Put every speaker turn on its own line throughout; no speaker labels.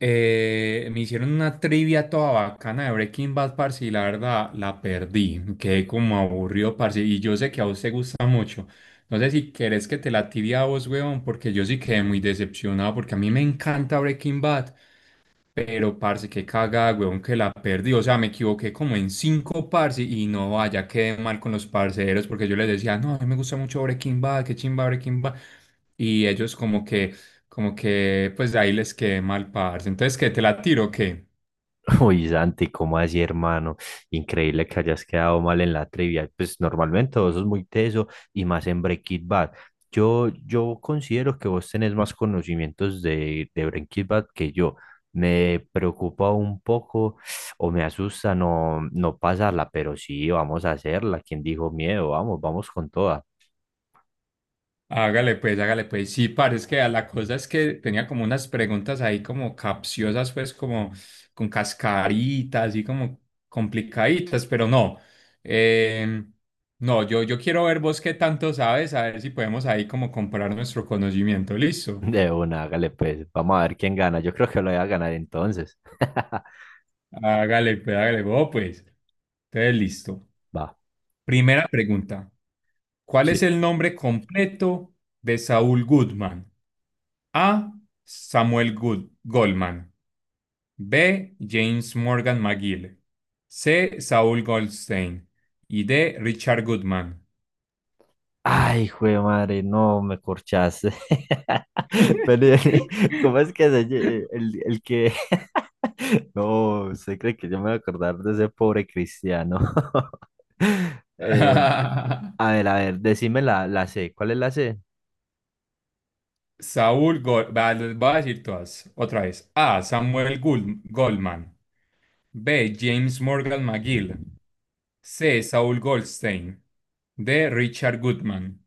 Me hicieron una trivia toda bacana de Breaking Bad, parce, y la verdad la perdí. Quedé como aburrido, parce, y yo sé que a vos te gusta mucho. No sé si querés que te la tibia a vos, weón, porque yo sí quedé muy decepcionado, porque a mí me encanta Breaking Bad, pero, parce, qué cagada, weón, que la perdí. O sea, me equivoqué como en cinco, parce, y no vaya, quedé mal con los parceros, porque yo les decía, no, a mí me gusta mucho Breaking Bad, qué chimba Breaking Bad. Y ellos como que, pues ahí les quedé mal, parce. Entonces, ¿qué? ¿Te la tiro o qué?
Uy, Santi, ¿cómo así, hermano? Increíble que hayas quedado mal en la trivia. Pues normalmente vos sos muy teso y más en Breaking Bad. Yo considero que vos tenés más conocimientos de Breaking Bad que yo. Me preocupa un poco o me asusta no pasarla, pero sí, vamos a hacerla. ¿Quién dijo miedo? Vamos, vamos con toda.
Hágale pues, hágale pues. Sí, parece que a la cosa es que tenía como unas preguntas ahí como capciosas, pues como con cascaritas y como complicaditas, pero no. Eh, no, yo quiero ver vos qué tanto sabes, a ver si podemos ahí como comparar nuestro conocimiento. Listo.
De una, hágale pues. Vamos a ver quién gana. Yo creo que lo voy a ganar entonces.
Hágale pues, hágale vos pues. Entonces, listo.
Va,
Primera pregunta. ¿Cuál es
sí.
el nombre completo de Saúl Goodman? A. Samuel Goldman. B. James Morgan McGill. C. Saul Goldstein. Y D. Richard Goodman.
Ay, jue madre, no me corchaste. Pero, ¿cómo es que se lle- el que no, usted cree que yo me voy a acordar de ese pobre cristiano? Eh, a ver, a ver, decime la C. ¿Cuál es la C?
Voy a decir todas otra vez. A. Samuel Goldman. B. James Morgan McGill. C. Saul Goldstein. D. Richard Goodman.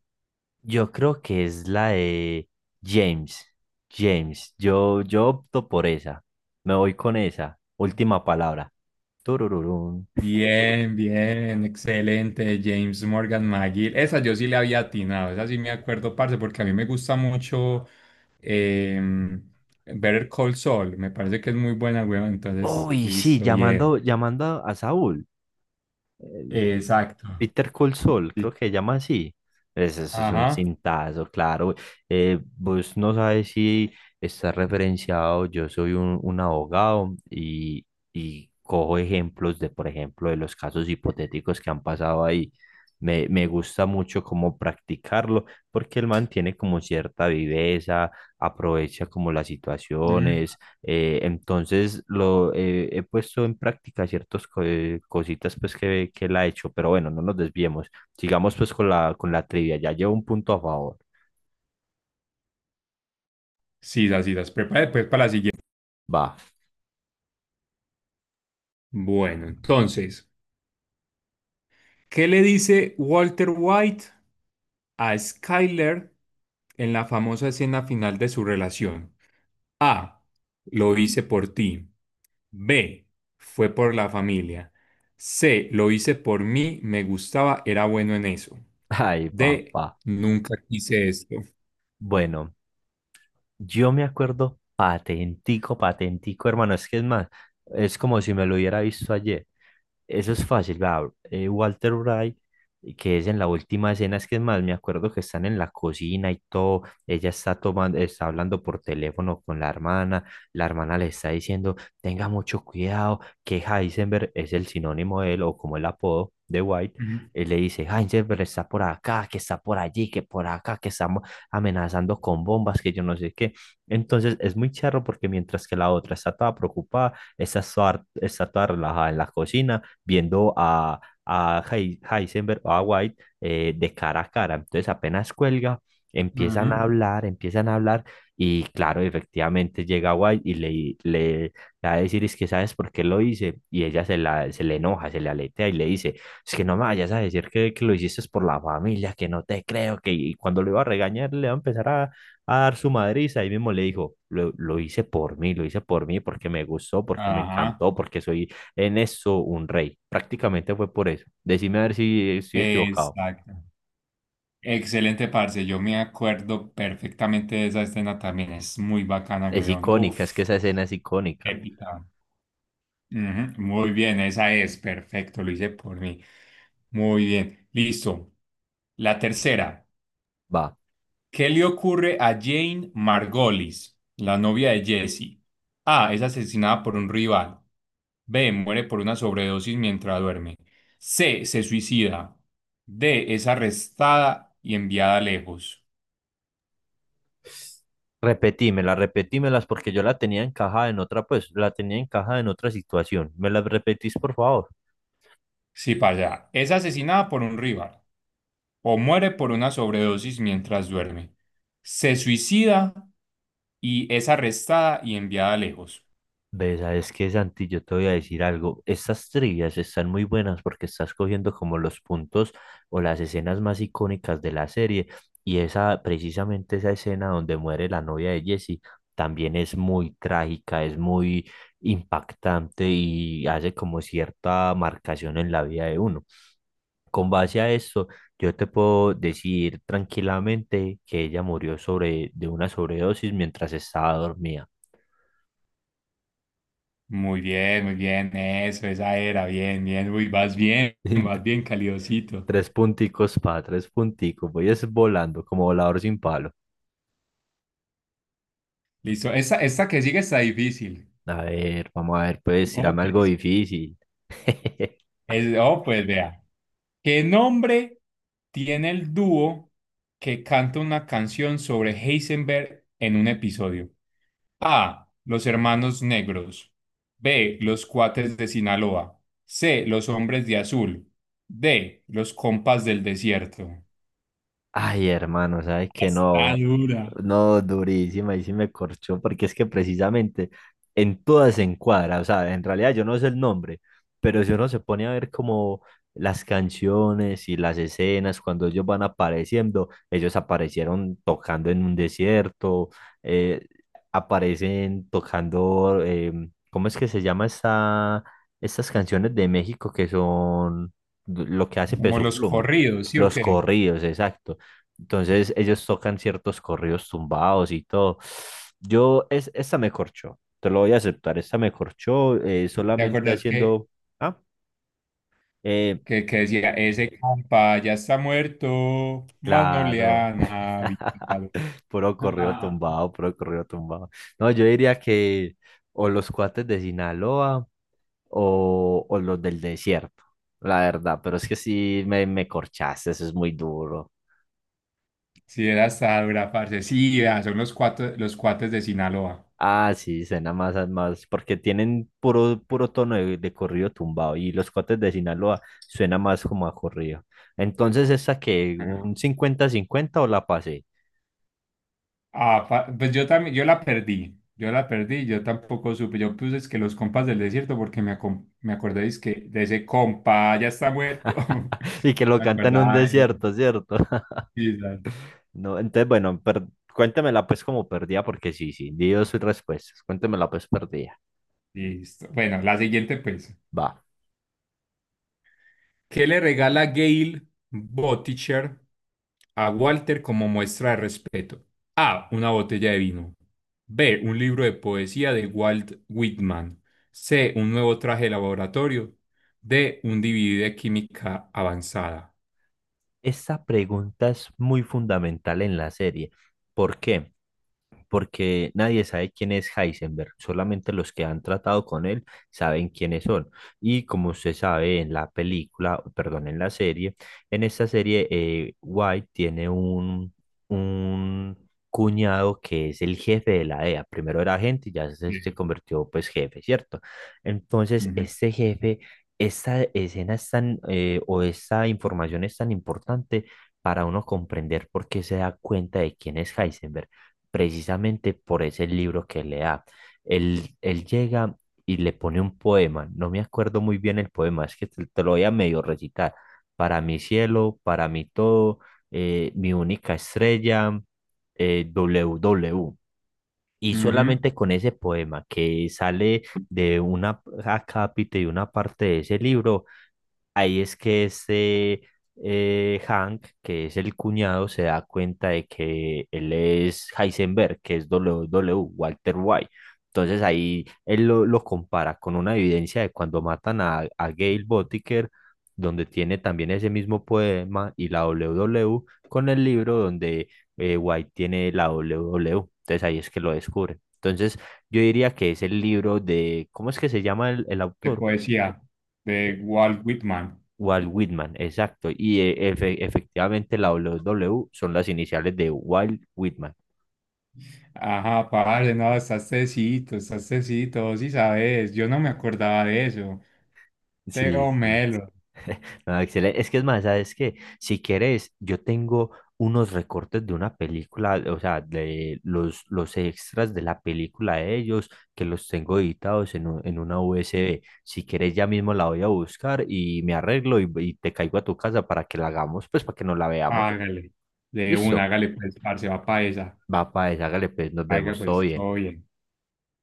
Yo creo que es la de James. James, yo opto por esa. Me voy con esa. Última palabra. Turururún.
Bien, bien, excelente, James Morgan McGill. Esa yo sí le había atinado, esa sí me acuerdo, parce, porque a mí me gusta mucho. Eh, Better Call Saul, me parece que es muy buena, weón. Entonces,
Uy, sí,
listo, yeah.
llamando, llamando a Saúl. El
Exacto.
Bitter Cold Soul, creo que se
Sí.
llama así. Es- Eso es un
Ajá.
cintazo, claro. Vos no sabes si está referenciado. Yo soy un abogado y cojo ejemplos de, por ejemplo, de los casos hipotéticos que han pasado ahí. Me gusta mucho cómo practicarlo porque el man tiene como cierta viveza, aprovecha como las
Ujú.
situaciones, entonces lo he puesto en práctica ciertas co- cositas pues que él ha hecho, pero bueno, no nos desviemos. Sigamos pues con la trivia, ya llevo un punto a favor.
Sí, las preparé después para la siguiente.
Va.
Bueno, entonces, ¿qué le dice Walter White a Skyler en la famosa escena final de su relación? A. Lo hice por ti. B. Fue por la familia. C. Lo hice por mí, me gustaba, era bueno en eso.
Ay,
D.
papá.
Nunca quise esto.
Bueno, yo me acuerdo patentico, patentico, hermano, es que es más, es como si me lo hubiera visto ayer. Eso es fácil, vea, Walter Wright, que es en la última escena, es que es más, me acuerdo que están en la cocina y todo, ella está tomando, está hablando por teléfono con la hermana le está diciendo, tenga mucho cuidado, que Heisenberg es el sinónimo de él, o como el apodo de White,
Ujú,
él le dice, Heisenberg está por acá, que está por allí, que por acá, que estamos amenazando con bombas, que yo no sé qué. Entonces es muy charro porque mientras que la otra está toda preocupada, esta está toda relajada en la cocina viendo a Heisenberg o a White de cara a cara. Entonces apenas cuelga,
ujú.
empiezan a hablar y claro, efectivamente llega White y le va a decir es que sabes por qué lo hice y ella se, la, se le enoja, se le aletea y le dice es que no me vayas a decir que lo hiciste por la familia, que no te creo, que y cuando lo iba a regañar le va a empezar a dar su madriza, ahí mismo le dijo lo hice por mí, lo hice por mí porque me gustó, porque me
Ajá,
encantó, porque soy en eso un rey. Prácticamente fue por eso. Decime a ver si estoy equivocado.
exacto. Excelente, parce. Yo me acuerdo perfectamente de esa escena también. Es muy bacana,
Es
weón.
icónica, es que
Uf.
esa escena es icónica.
Épica. Ujú, muy bien, esa es. Perfecto, lo hice por mí. Muy bien. Listo. La tercera.
Va,
¿Qué le ocurre a Jane Margolis, la novia de Jesse? A. Es asesinada por un rival. B. Muere por una sobredosis mientras duerme. C. Se suicida. D. Es arrestada y enviada lejos.
repetímela, repetímelas porque yo la tenía encajada en otra, pues la tenía encajada en otra situación. ¿Me las repetís, por favor?
Sí, para allá. Es asesinada por un rival. O muere por una sobredosis mientras duerme. Se suicida y es arrestada y enviada lejos.
Ves, sabes que Santi, yo te voy a decir algo. Estas trivias están muy buenas porque estás cogiendo como los puntos o las escenas más icónicas de la serie. Y esa, precisamente esa escena donde muere la novia de Jesse, también es muy trágica, es muy impactante y hace como cierta marcación en la vida de uno. Con base a esto, yo te puedo decir tranquilamente que ella murió sobre, de una sobredosis mientras estaba dormida.
Muy bien, eso, esa era, bien, bien, uy, vas bien, vas bien, calidosito.
Tres punticos pa, tres punticos. Voy es volando como volador sin palo.
Listo, esta que sigue está difícil.
A ver, vamos a ver, pues,
Oh,
tirame algo
pues,
difícil.
pues vea. ¿Qué nombre tiene el dúo que canta una canción sobre Heisenberg en un episodio? A. Los hermanos negros. B. Los cuates de Sinaloa. C. Los hombres de azul. D. Los compas del desierto.
Ay, hermano, sabes que
Está
no,
dura.
no, durísima, y sí me corchó, porque es que precisamente en todas se encuadra, o sea, en realidad yo no sé el nombre, pero si uno se pone a ver como las canciones y las escenas, cuando ellos van apareciendo, ellos aparecieron tocando en un desierto, eh, aparecen tocando, ¿cómo es que se llama esta, estas canciones de México que son lo que hace
Como
Peso
los
Pluma?
corridos, ¿sí o
Los
qué?
corridos, exacto, entonces ellos tocan ciertos corridos tumbados y todo. Yo, es, esta me corchó, te lo voy a aceptar, esta me corchó
¿Te
solamente
acuerdas que,
haciendo... Ah, eh,
que decía, ese compa ya está muerto, más no le
claro.
han avisado?
Puro corrido tumbado, puro corrido tumbado. No, yo diría que o los cuates de Sinaloa o los del desierto, la verdad, pero es que sí me corchaste, eso es muy duro.
Sí, era hasta dura, parce. Sí, vea, son los cuates de Sinaloa.
Ah, sí, suena más, a- más, porque tienen puro, puro tono de corrido tumbado y los cotes de Sinaloa suena más como a corrido. Entonces, ¿esa que un cincuenta-cincuenta o la pasé?
Ah, pues yo también, yo la perdí, yo la perdí, yo tampoco supe, yo puse es que los compas del desierto porque me, me acordé es que de ese compa ya está muerto,
Y que lo
me
cantan en un
acordaba de él.
desierto, ¿cierto?
Sí, la-
No, entonces, bueno, per- cuéntemela pues como perdida, porque sí, sí, dio sus respuestas. Cuéntemela pues perdida.
Listo. Bueno, la siguiente pues.
Va.
¿Qué le regala Gail Botticher a Walter como muestra de respeto? A. Una botella de vino. B. Un libro de poesía de Walt Whitman. C. Un nuevo traje de laboratorio. D. Un DVD de química avanzada.
Esta pregunta es muy fundamental en la serie. ¿Por qué? Porque nadie sabe quién es Heisenberg, solamente los que han tratado con él saben quiénes son. Y como se sabe en la película, perdón, en la serie, en esta serie White tiene un cuñado que es el jefe de la DEA. Primero era agente y ya se
Sí.
convirtió pues jefe, ¿cierto? Entonces,
Ujú,
este jefe, esta escena es tan, o esta información es tan importante para uno comprender por qué se da cuenta de quién es Heisenberg precisamente por ese libro que le da. Él llega y le pone un poema, no me acuerdo muy bien el poema, es que te lo voy a medio recitar. Para mi cielo, para mi todo, mi única estrella, w W. Y
ujú.
solamente con ese poema que sale de una acápite y una parte de ese libro, ahí es que este Hank, que es el cuñado, se da cuenta de que él es Heisenberg, que es WW, Walter White. Entonces ahí él lo compara con una evidencia de cuando matan a Gail Botiker, donde tiene también ese mismo poema, y la W WW con el libro donde White tiene la W WW. Entonces ahí es que lo descubre. Entonces yo diría que es el libro de, ¿cómo es que se llama el
De
autor?
poesía, de Walt Whitman.
Walt Whitman, exacto. Y efectivamente la W W son las iniciales de Walt Whitman.
Ajá, padre, no, estás tecito, vos sí sabes, yo no me acordaba de eso.
Sí,
Teo
sí.
Melo.
Ah, excelente. Es que es más, ¿sabes qué? Si quieres, yo tengo unos recortes de una película, o sea, de los extras de la película de ellos, que los tengo editados en, un- en una USB. Si quieres, ya mismo la voy a buscar y me arreglo y te caigo a tu casa para que la hagamos, pues para que nos la veamos.
Hágale, de una,
Listo.
hágale pues, parce, va pa' esa.
Va, pues, hágale, pues, nos
Hágale
vemos, todo
pues,
bien.
todo bien.